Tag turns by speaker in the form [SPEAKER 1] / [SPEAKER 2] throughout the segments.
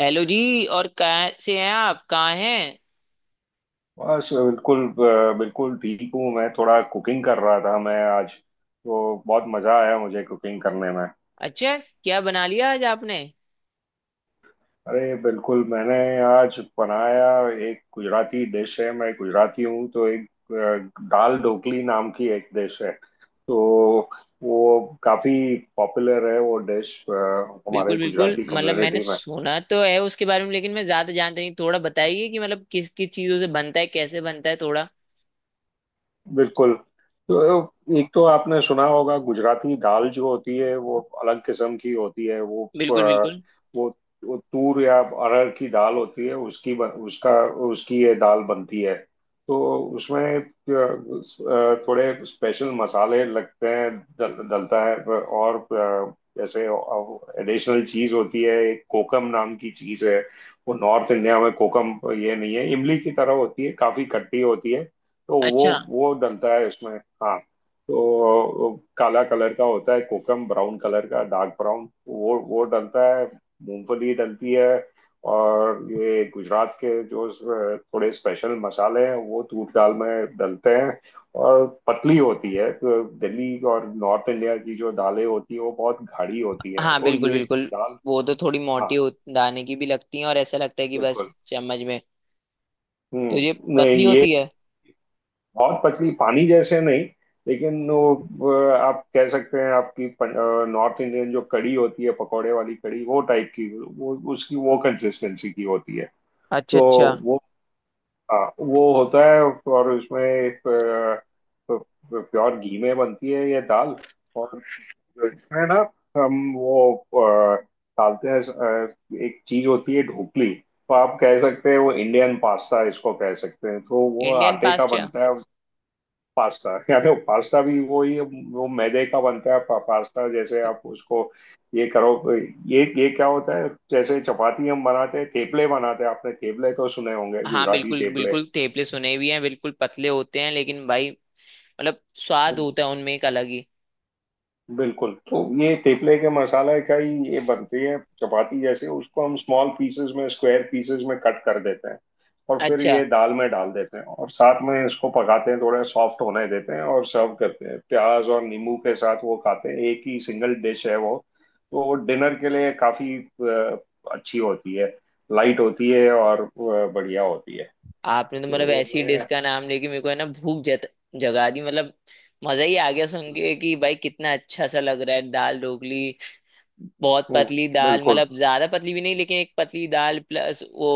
[SPEAKER 1] Hello ji. और कहाँ से हैं आप? कहाँ हैं?
[SPEAKER 2] बस बिल्कुल बिल्कुल ठीक हूँ। मैं थोड़ा कुकिंग कर रहा था। मैं आज तो बहुत मज़ा आया मुझे कुकिंग करने में।
[SPEAKER 1] अच्छा। क्या बना लिया आज आपने?
[SPEAKER 2] अरे बिल्कुल मैंने आज बनाया, एक गुजराती डिश है। मैं गुजराती हूँ, तो एक दाल ढोकली नाम की एक डिश है। तो वो काफ़ी पॉपुलर है वो डिश, हमारे
[SPEAKER 1] बिल्कुल बिल्कुल।
[SPEAKER 2] गुजराती
[SPEAKER 1] मतलब मैंने
[SPEAKER 2] कम्युनिटी में।
[SPEAKER 1] सुना तो है उसके बारे में, लेकिन मैं ज्यादा जानता नहीं। थोड़ा बताइए कि मतलब किस किस चीजों से बनता है, कैसे बनता है थोड़ा।
[SPEAKER 2] बिल्कुल। तो एक तो आपने सुना होगा, गुजराती दाल जो होती है वो अलग किस्म की होती है। वो
[SPEAKER 1] बिल्कुल
[SPEAKER 2] अ,
[SPEAKER 1] बिल्कुल।
[SPEAKER 2] वो वो तूर या अरहर की दाल होती है। उसका, उसकी ये दाल बनती है। तो उसमें थोड़े स्पेशल मसाले लगते हैं। डलता है। और जैसे एडिशनल चीज होती है, एक कोकम नाम की चीज है। वो नॉर्थ इंडिया में कोकम ये नहीं है, इमली की तरह होती है, काफी खट्टी होती है। तो वो
[SPEAKER 1] अच्छा।
[SPEAKER 2] वो डलता है उसमें। हाँ। तो काला कलर का होता है कोकम, ब्राउन कलर का, डार्क ब्राउन, वो डलता है। मूंगफली डलती है। और ये गुजरात के जो थोड़े स्पेशल मसाले हैं वो तूर दाल में डलते हैं। और पतली होती है। तो दिल्ली और नॉर्थ इंडिया की जो दालें होती है वो बहुत गाढ़ी होती है,
[SPEAKER 1] हाँ
[SPEAKER 2] तो
[SPEAKER 1] बिल्कुल
[SPEAKER 2] ये
[SPEAKER 1] बिल्कुल।
[SPEAKER 2] दाल।
[SPEAKER 1] वो तो थोड़ी मोटी
[SPEAKER 2] हाँ
[SPEAKER 1] दाने की भी लगती है, और ऐसा लगता है कि बस
[SPEAKER 2] बिल्कुल।
[SPEAKER 1] चम्मच में। तो ये
[SPEAKER 2] हम्म, नहीं
[SPEAKER 1] पतली
[SPEAKER 2] ये
[SPEAKER 1] होती है।
[SPEAKER 2] बहुत पतली, पानी जैसे नहीं। लेकिन वो आप कह सकते हैं आपकी नॉर्थ इंडियन जो कड़ी होती है, पकौड़े वाली कड़ी, वो टाइप की, वो उसकी वो कंसिस्टेंसी की होती है।
[SPEAKER 1] अच्छा
[SPEAKER 2] तो
[SPEAKER 1] अच्छा।
[SPEAKER 2] वो, हाँ वो होता है। और उसमें अ, प्योर घी में बनती है ये दाल। और इसमें ना हम डालते हैं एक चीज होती है ढोकली। तो आप कह सकते हैं वो इंडियन पास्ता इसको कह सकते हैं। तो वो
[SPEAKER 1] इंडियन
[SPEAKER 2] आटे का
[SPEAKER 1] पास्ता?
[SPEAKER 2] बनता है, पास्ता, या तो पास्ता भी वही। वो मैदे का बनता है, पास्ता जैसे आप उसको ये करो। ये क्या होता है, जैसे चपाती हम बनाते हैं, तेपले बनाते हैं। आपने तेपले तो सुने होंगे,
[SPEAKER 1] हाँ
[SPEAKER 2] गुजराती
[SPEAKER 1] बिल्कुल
[SPEAKER 2] तेपले।
[SPEAKER 1] बिल्कुल। थेपले सुने भी हैं, बिल्कुल पतले होते हैं, लेकिन भाई मतलब स्वाद होता है उनमें एक अलग ही।
[SPEAKER 2] बिल्कुल। तो ये तेपले के मसाला का ही ये बनती है चपाती जैसे। उसको हम स्मॉल पीसेस में, स्क्वायर पीसेस में कट कर देते हैं, और फिर
[SPEAKER 1] अच्छा।
[SPEAKER 2] ये दाल में डाल देते हैं, और साथ में इसको पकाते हैं, थोड़ा सॉफ्ट होने देते हैं, और सर्व करते हैं प्याज और नींबू के साथ। वो खाते हैं, एक ही सिंगल डिश है वो। तो वो डिनर के लिए काफी अच्छी होती है, लाइट होती है, और बढ़िया होती है।
[SPEAKER 1] आपने तो मतलब
[SPEAKER 2] तो
[SPEAKER 1] ऐसी डिश
[SPEAKER 2] मैं,
[SPEAKER 1] का नाम लेके मेरे को है ना भूख जगा दी मतलब। मजा ही आ गया सुन
[SPEAKER 2] हम्म,
[SPEAKER 1] के कि भाई कितना अच्छा सा लग रहा है दाल ढोकली। बहुत
[SPEAKER 2] हम्म,
[SPEAKER 1] पतली दाल,
[SPEAKER 2] बिल्कुल।
[SPEAKER 1] मतलब ज्यादा पतली भी नहीं, लेकिन एक पतली दाल प्लस वो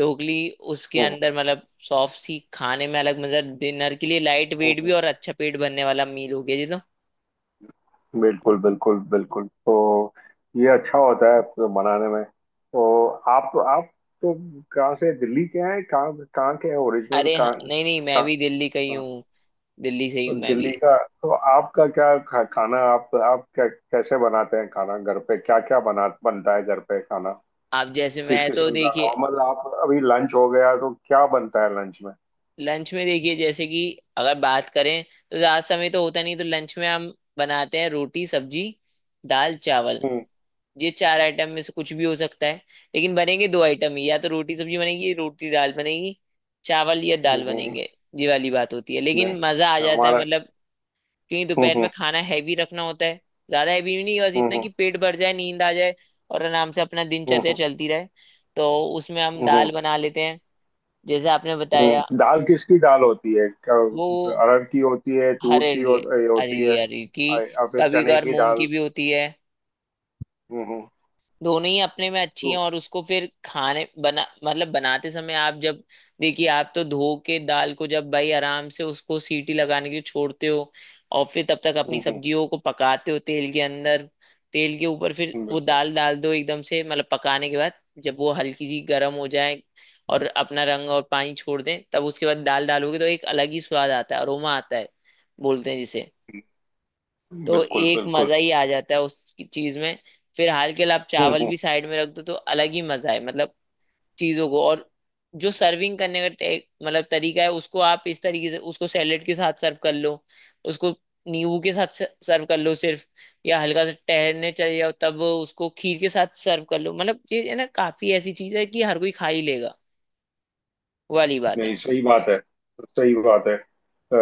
[SPEAKER 1] ढोकली उसके
[SPEAKER 2] हम्म
[SPEAKER 1] अंदर, मतलब सॉफ्ट सी खाने में अलग, मतलब डिनर के लिए लाइट
[SPEAKER 2] हम्म
[SPEAKER 1] वेट
[SPEAKER 2] हम्म।
[SPEAKER 1] भी और अच्छा पेट भरने वाला मील हो गया जी तो।
[SPEAKER 2] बिल्कुल बिल्कुल बिल्कुल। तो ये अच्छा होता है। तो बनाने में तो आप, तो कहाँ से, दिल्ली के हैं? कहाँ कहाँ के हैं ओरिजिनल,
[SPEAKER 1] अरे हाँ,
[SPEAKER 2] कहाँ
[SPEAKER 1] नहीं नहीं, मैं
[SPEAKER 2] कहाँ?
[SPEAKER 1] भी दिल्ली का ही
[SPEAKER 2] हाँ,
[SPEAKER 1] हूँ। दिल्ली से ही
[SPEAKER 2] तो
[SPEAKER 1] हूँ मैं
[SPEAKER 2] दिल्ली
[SPEAKER 1] भी।
[SPEAKER 2] का। तो आपका खाना आप क्या कैसे बनाते हैं, खाना घर पे क्या क्या बना बनता है घर पे खाना,
[SPEAKER 1] आप जैसे
[SPEAKER 2] किस
[SPEAKER 1] मैं तो
[SPEAKER 2] किस्म का?
[SPEAKER 1] देखिए।
[SPEAKER 2] नॉर्मल आप अभी लंच हो गया, तो क्या बनता है लंच में?
[SPEAKER 1] लंच में देखिए जैसे कि, अगर बात करें तो ज्यादा समय तो होता नहीं, तो लंच में हम बनाते हैं रोटी सब्जी, दाल चावल।
[SPEAKER 2] हम्म
[SPEAKER 1] ये चार आइटम में से कुछ भी हो सकता है, लेकिन बनेंगे दो आइटम ही। या तो रोटी सब्जी बनेगी, रोटी दाल बनेगी, चावल या
[SPEAKER 2] हम्म
[SPEAKER 1] दाल
[SPEAKER 2] हम्म, हम्म,
[SPEAKER 1] बनेंगे। ये वाली बात होती है,
[SPEAKER 2] नहीं
[SPEAKER 1] लेकिन मजा आ जाता है
[SPEAKER 2] हमारा,
[SPEAKER 1] मतलब। क्योंकि
[SPEAKER 2] हम्म
[SPEAKER 1] दोपहर में
[SPEAKER 2] हम्म
[SPEAKER 1] खाना हैवी रखना होता है, ज्यादा हैवी भी नहीं, बस इतना
[SPEAKER 2] हम्म
[SPEAKER 1] कि पेट भर जाए, नींद आ जाए और आराम से अपना दिनचर्या
[SPEAKER 2] हम्म
[SPEAKER 1] चलती रहे। तो उसमें हम
[SPEAKER 2] हम्म हम्म
[SPEAKER 1] दाल बना लेते हैं, जैसे आपने बताया।
[SPEAKER 2] दाल किसकी दाल होती है?
[SPEAKER 1] वो,
[SPEAKER 2] अरहर की होती है,
[SPEAKER 1] हर
[SPEAKER 2] तूर की
[SPEAKER 1] अरगे,
[SPEAKER 2] होती
[SPEAKER 1] अरगी
[SPEAKER 2] है?
[SPEAKER 1] अरगी।
[SPEAKER 2] और फिर
[SPEAKER 1] कभी
[SPEAKER 2] चने
[SPEAKER 1] कभार
[SPEAKER 2] की
[SPEAKER 1] मूंग की
[SPEAKER 2] दाल।
[SPEAKER 1] भी होती है।
[SPEAKER 2] हम्म।
[SPEAKER 1] दोनों ही अपने में अच्छी हैं,
[SPEAKER 2] तो
[SPEAKER 1] और उसको फिर खाने बना मतलब बनाते समय आप जब, देखिए आप तो धो के दाल को जब भाई आराम से उसको सीटी लगाने के लिए छोड़ते हो, और फिर तब तक अपनी
[SPEAKER 2] हम्म
[SPEAKER 1] सब्जियों को पकाते हो तेल के अंदर। तेल के ऊपर फिर
[SPEAKER 2] हम्म।
[SPEAKER 1] वो
[SPEAKER 2] बिल्कुल
[SPEAKER 1] दाल डाल दो एकदम से मतलब पकाने के बाद, जब वो हल्की सी गर्म हो जाए और अपना रंग और पानी छोड़ दे, तब उसके बाद दाल डालोगे तो एक अलग ही स्वाद आता है, अरोमा आता है बोलते हैं जिसे। तो
[SPEAKER 2] बिल्कुल
[SPEAKER 1] एक
[SPEAKER 2] बिल्कुल।
[SPEAKER 1] मजा ही आ जाता है उस चीज में। फिर हाल के लिए आप
[SPEAKER 2] हम्म,
[SPEAKER 1] चावल
[SPEAKER 2] हम्म।
[SPEAKER 1] भी साइड में रख दो तो अलग ही मजा है मतलब। चीजों को, और जो सर्विंग करने का मतलब तरीका है, उसको आप इस तरीके से उसको सैलेड के साथ सर्व कर लो, उसको नींबू के साथ सर्व कर लो सिर्फ, या हल्का सा टहलने चले जाओ तब उसको खीर के साथ सर्व कर लो। मतलब ये है ना, काफी ऐसी चीज है कि हर कोई खा ही लेगा, वो वाली बात है।
[SPEAKER 2] नहीं सही बात है, सही बात है। अ,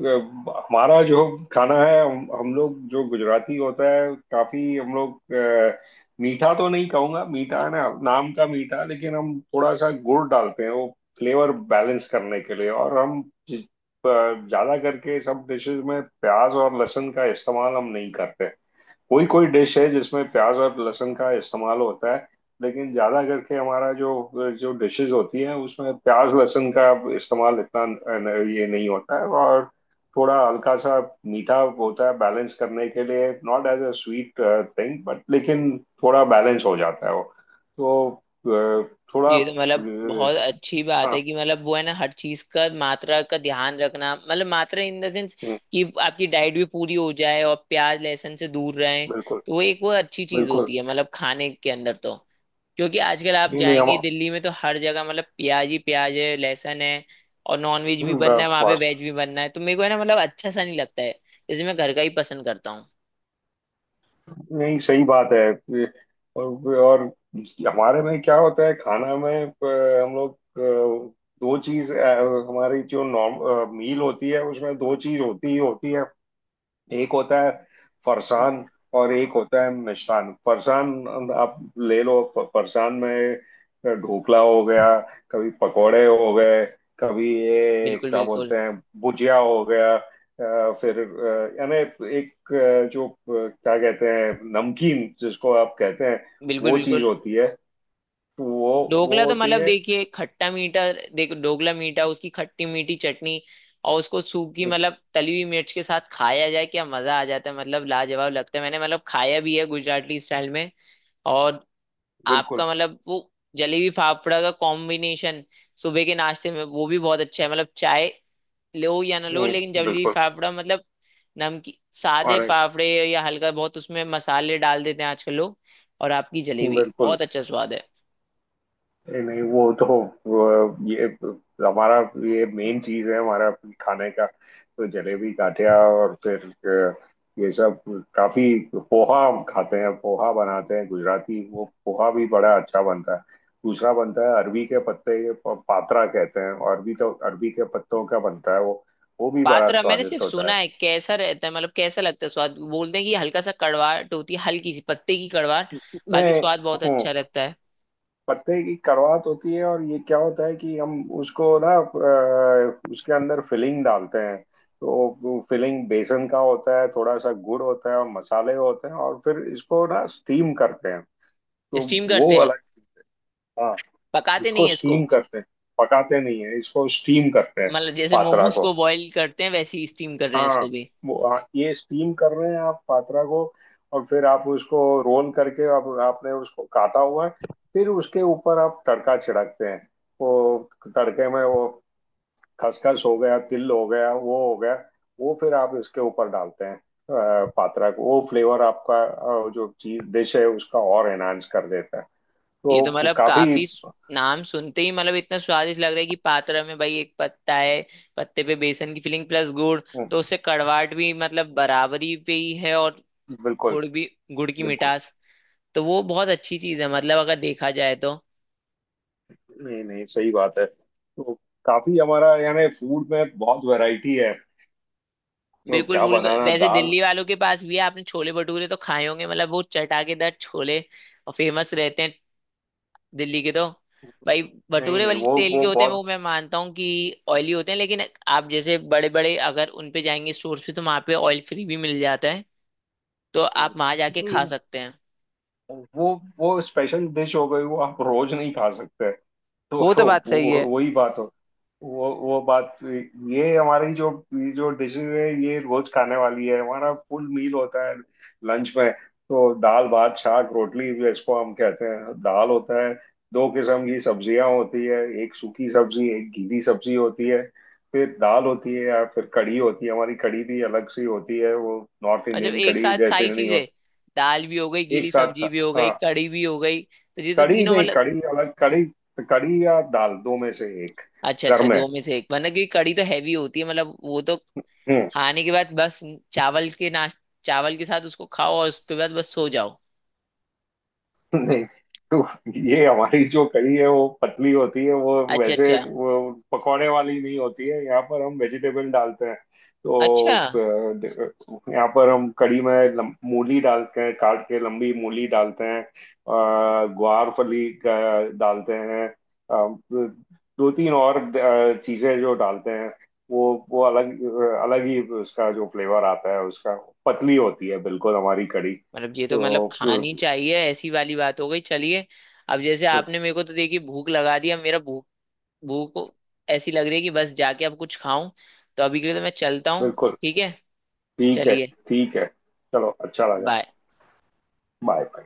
[SPEAKER 2] अ, हमारा जो खाना है, हम लोग जो गुजराती होता है, काफी हम लोग मीठा तो नहीं कहूंगा, मीठा है ना नाम का मीठा, लेकिन हम थोड़ा सा गुड़ डालते हैं वो फ्लेवर बैलेंस करने के लिए। और हम जि- अ, ज्यादा करके सब डिशेस में प्याज और लहसुन का इस्तेमाल हम नहीं करते। कोई कोई डिश है जिसमें प्याज और लहसुन का इस्तेमाल होता है, लेकिन ज्यादा करके हमारा जो जो डिशेज होती हैं उसमें प्याज लहसुन का इस्तेमाल इतना ये नहीं होता है। और थोड़ा हल्का सा मीठा होता है, बैलेंस करने के लिए, not as a sweet thing but, लेकिन थोड़ा बैलेंस हो जाता है वो। तो थोड़ा
[SPEAKER 1] ये तो मतलब बहुत अच्छी बात
[SPEAKER 2] हाँ,
[SPEAKER 1] है कि मतलब वो है ना हर चीज का मात्रा का ध्यान रखना, मतलब मात्रा इन द सेंस
[SPEAKER 2] हम्म,
[SPEAKER 1] कि आपकी डाइट भी पूरी हो जाए और प्याज लहसुन से दूर रहें।
[SPEAKER 2] बिल्कुल
[SPEAKER 1] तो वो एक वो अच्छी चीज
[SPEAKER 2] बिल्कुल।
[SPEAKER 1] होती है मतलब खाने के अंदर तो। क्योंकि आजकल आप
[SPEAKER 2] नहीं नहीं हम
[SPEAKER 1] जाएंगे दिल्ली में तो हर जगह मतलब प्याज ही प्याज है, लहसुन है। और नॉन वेज भी बनना है वहां पे,
[SPEAKER 2] फास्ट।
[SPEAKER 1] वेज भी बनना है, तो मेरे को है ना मतलब अच्छा सा नहीं लगता है, इसलिए मैं घर का ही पसंद करता हूँ।
[SPEAKER 2] नहीं सही बात है। और हमारे में क्या होता है खाना में, हम लोग हमारी जो नॉर्म मील होती है उसमें दो चीज होती ही होती है। एक होता है फरसान और एक होता है मिष्टान। फरसान आप ले लो, फरसान में ढोकला हो गया, कभी पकोड़े हो गए, कभी ये
[SPEAKER 1] बिल्कुल
[SPEAKER 2] क्या
[SPEAKER 1] बिल्कुल।
[SPEAKER 2] बोलते हैं, भुजिया हो गया। यानी एक अ, जो अ, क्या कहते हैं, नमकीन जिसको आप कहते हैं,
[SPEAKER 1] बिल्कुल
[SPEAKER 2] वो चीज
[SPEAKER 1] बिल्कुल।
[SPEAKER 2] होती है। तो वो
[SPEAKER 1] ढोकला तो
[SPEAKER 2] होती
[SPEAKER 1] मतलब
[SPEAKER 2] है।
[SPEAKER 1] देखिए खट्टा मीठा। देखो ढोकला मीठा, उसकी खट्टी मीठी चटनी, और उसको सूखी
[SPEAKER 2] हम्म,
[SPEAKER 1] मतलब तली हुई मिर्च के साथ खाया जाए, क्या मजा आ जाता है! मतलब लाजवाब लगता है, मैंने मतलब खाया भी है गुजराती स्टाइल में। और
[SPEAKER 2] बिल्कुल।
[SPEAKER 1] आपका मतलब वो जलेबी फाफड़ा का कॉम्बिनेशन, सुबह के नाश्ते में वो भी बहुत अच्छा है। मतलब चाय लो या ना लो, लेकिन जलेबी
[SPEAKER 2] बिल्कुल।
[SPEAKER 1] फाफड़ा मतलब, नमकीन, सादे
[SPEAKER 2] अरे
[SPEAKER 1] फाफड़े, या हल्का बहुत उसमें मसाले डाल देते हैं आजकल लोग, और आपकी जलेबी
[SPEAKER 2] बिल्कुल।
[SPEAKER 1] बहुत अच्छा स्वाद है।
[SPEAKER 2] नहीं नहीं वो तो, वो ये हमारा, ये मेन चीज है हमारा खाने का, तो जलेबी गाठिया, और फिर अ, ये सब काफी। पोहा हम खाते हैं, पोहा बनाते हैं गुजराती, वो पोहा भी बड़ा अच्छा बनता है। दूसरा बनता है अरबी के पत्ते के पात्रा कहते हैं, अरबी तो अरबी के पत्तों का बनता है वो। वो भी बड़ा
[SPEAKER 1] पातरा मैंने सिर्फ
[SPEAKER 2] स्वादिष्ट होता
[SPEAKER 1] सुना
[SPEAKER 2] है।
[SPEAKER 1] है, कैसा रहता है मतलब? कैसा लगता है स्वाद? बोलते हैं कि हल्का सा कड़वाहट होती है, हल्की सी पत्ते की कड़वाहट, बाकी
[SPEAKER 2] मैं,
[SPEAKER 1] स्वाद बहुत
[SPEAKER 2] हूँ।
[SPEAKER 1] अच्छा लगता है।
[SPEAKER 2] पत्ते की कड़वाहट होती है, और ये क्या होता है कि हम उसको ना उसके अंदर फिलिंग डालते हैं। तो फिलिंग बेसन का होता है, थोड़ा सा गुड़ होता है, और मसाले होते हैं, और फिर इसको ना स्टीम करते हैं। तो
[SPEAKER 1] स्टीम
[SPEAKER 2] वो
[SPEAKER 1] करते हैं?
[SPEAKER 2] अलग। हाँ,
[SPEAKER 1] पकाते नहीं
[SPEAKER 2] इसको
[SPEAKER 1] है इसको?
[SPEAKER 2] स्टीम करते हैं, पकाते नहीं है, इसको स्टीम करते हैं।
[SPEAKER 1] मतलब जैसे
[SPEAKER 2] पात्रा
[SPEAKER 1] मोमोज
[SPEAKER 2] को
[SPEAKER 1] को बॉईल करते हैं वैसे ही स्टीम कर रहे हैं इसको
[SPEAKER 2] हाँ,
[SPEAKER 1] भी।
[SPEAKER 2] वो हाँ, ये स्टीम कर रहे हैं आप पात्रा को। और फिर आप उसको रोल करके, आप आपने उसको काटा हुआ है, फिर उसके ऊपर आप तड़का छिड़कते हैं। वो तड़के में वो खसखस हो गया, तिल हो गया, वो हो गया। वो फिर आप इसके ऊपर डालते हैं पात्रा को, वो फ्लेवर आपका जो चीज डिश है उसका और एनहांस कर देता है।
[SPEAKER 1] ये तो
[SPEAKER 2] तो
[SPEAKER 1] मतलब
[SPEAKER 2] काफी।
[SPEAKER 1] काफी नाम सुनते ही मतलब इतना स्वादिष्ट लग रहा है कि पातरा में भाई एक पत्ता है, पत्ते पे बेसन की फिलिंग प्लस गुड़, तो उससे कड़वाहट भी मतलब बराबरी पे ही है और
[SPEAKER 2] बिल्कुल
[SPEAKER 1] गुड़ भी, गुड़ की
[SPEAKER 2] बिल्कुल।
[SPEAKER 1] मिठास, तो वो बहुत अच्छी चीज है मतलब अगर देखा जाए तो।
[SPEAKER 2] नहीं नहीं सही बात है। तो काफी हमारा यानी फूड में बहुत वैरायटी है। वो
[SPEAKER 1] बिल्कुल
[SPEAKER 2] क्या
[SPEAKER 1] बिल्कुल।
[SPEAKER 2] बनाना,
[SPEAKER 1] वैसे
[SPEAKER 2] दाल।
[SPEAKER 1] दिल्ली वालों के पास भी है, आपने छोले भटूरे तो खाए होंगे मतलब वो चटाकेदार छोले, और फेमस रहते हैं दिल्ली के तो भाई।
[SPEAKER 2] नहीं
[SPEAKER 1] भटूरे
[SPEAKER 2] नहीं
[SPEAKER 1] वाली
[SPEAKER 2] वो
[SPEAKER 1] तेल
[SPEAKER 2] वो
[SPEAKER 1] के होते हैं वो,
[SPEAKER 2] बहुत।
[SPEAKER 1] मैं मानता हूँ कि ऑयली होते हैं, लेकिन आप जैसे बड़े बड़े अगर उन पे जाएंगे स्टोर्स पे, तो वहाँ पे ऑयल फ्री भी मिल जाता है, तो आप वहाँ जाके खा
[SPEAKER 2] नहीं,
[SPEAKER 1] सकते हैं।
[SPEAKER 2] वो वो स्पेशल डिश हो गई, वो आप रोज नहीं खा सकते। तो
[SPEAKER 1] वो तो बात सही
[SPEAKER 2] वो
[SPEAKER 1] है।
[SPEAKER 2] वही बात हो, वो बात, ये हमारी जो ये जो डिशेज है ये रोज खाने वाली है। हमारा फुल मील होता है लंच में, तो दाल भात शाक रोटली जो इसको हम कहते हैं, दाल होता है, दो किस्म की सब्जियां होती है, एक सूखी सब्जी एक गीली सब्जी होती है, फिर दाल होती है या फिर कढ़ी होती है। हमारी कढ़ी भी अलग सी होती है, वो नॉर्थ
[SPEAKER 1] अच्छा,
[SPEAKER 2] इंडियन
[SPEAKER 1] एक
[SPEAKER 2] कढ़ी
[SPEAKER 1] साथ
[SPEAKER 2] जैसे
[SPEAKER 1] सारी
[SPEAKER 2] नहीं
[SPEAKER 1] चीजें?
[SPEAKER 2] होती।
[SPEAKER 1] दाल भी हो गई, गीली
[SPEAKER 2] एक साथ,
[SPEAKER 1] सब्जी भी हो गई,
[SPEAKER 2] हाँ।
[SPEAKER 1] कड़ी भी हो गई, तो ये तो
[SPEAKER 2] कड़ी
[SPEAKER 1] तीनों
[SPEAKER 2] नहीं,
[SPEAKER 1] मतलब।
[SPEAKER 2] कड़ी अलग, कड़ी, कड़ी या दाल दो में से एक।
[SPEAKER 1] अच्छा
[SPEAKER 2] घर
[SPEAKER 1] अच्छा,
[SPEAKER 2] में
[SPEAKER 1] दो में से एक, वरना क्योंकि कड़ी तो हैवी होती है मतलब वो तो,
[SPEAKER 2] हम्म।
[SPEAKER 1] खाने के बाद बस, चावल के नाश, चावल के साथ उसको खाओ और उसके बाद बस सो जाओ।
[SPEAKER 2] नहीं। तो ये हमारी जो कढ़ी है वो पतली होती है, वो
[SPEAKER 1] अच्छा
[SPEAKER 2] वैसे
[SPEAKER 1] अच्छा।
[SPEAKER 2] वो पकौड़े वाली नहीं होती है, यहाँ पर हम वेजिटेबल डालते हैं।
[SPEAKER 1] अच्छा।
[SPEAKER 2] तो यहाँ पर हम कढ़ी में मूली डालते हैं, काट के लंबी मूली डालते हैं, डालते हैं दो तीन और चीजें जो डालते हैं। वो वो अलग, अलग ही उसका जो फ्लेवर आता है उसका। पतली होती है बिल्कुल हमारी कढ़ी।
[SPEAKER 1] मतलब ये तो मतलब
[SPEAKER 2] तो
[SPEAKER 1] खानी चाहिए, ऐसी वाली बात हो गई, चलिए। अब जैसे आपने मेरे को तो देखिए भूख लगा दिया, मेरा भूख। भूख ऐसी लग रही है कि बस जाके अब कुछ खाऊं। तो अभी के लिए तो मैं चलता हूँ।
[SPEAKER 2] बिल्कुल,
[SPEAKER 1] ठीक है?
[SPEAKER 2] ठीक है,
[SPEAKER 1] चलिए।
[SPEAKER 2] ठीक है, चलो अच्छा लगा,
[SPEAKER 1] बाय।
[SPEAKER 2] Bye bye.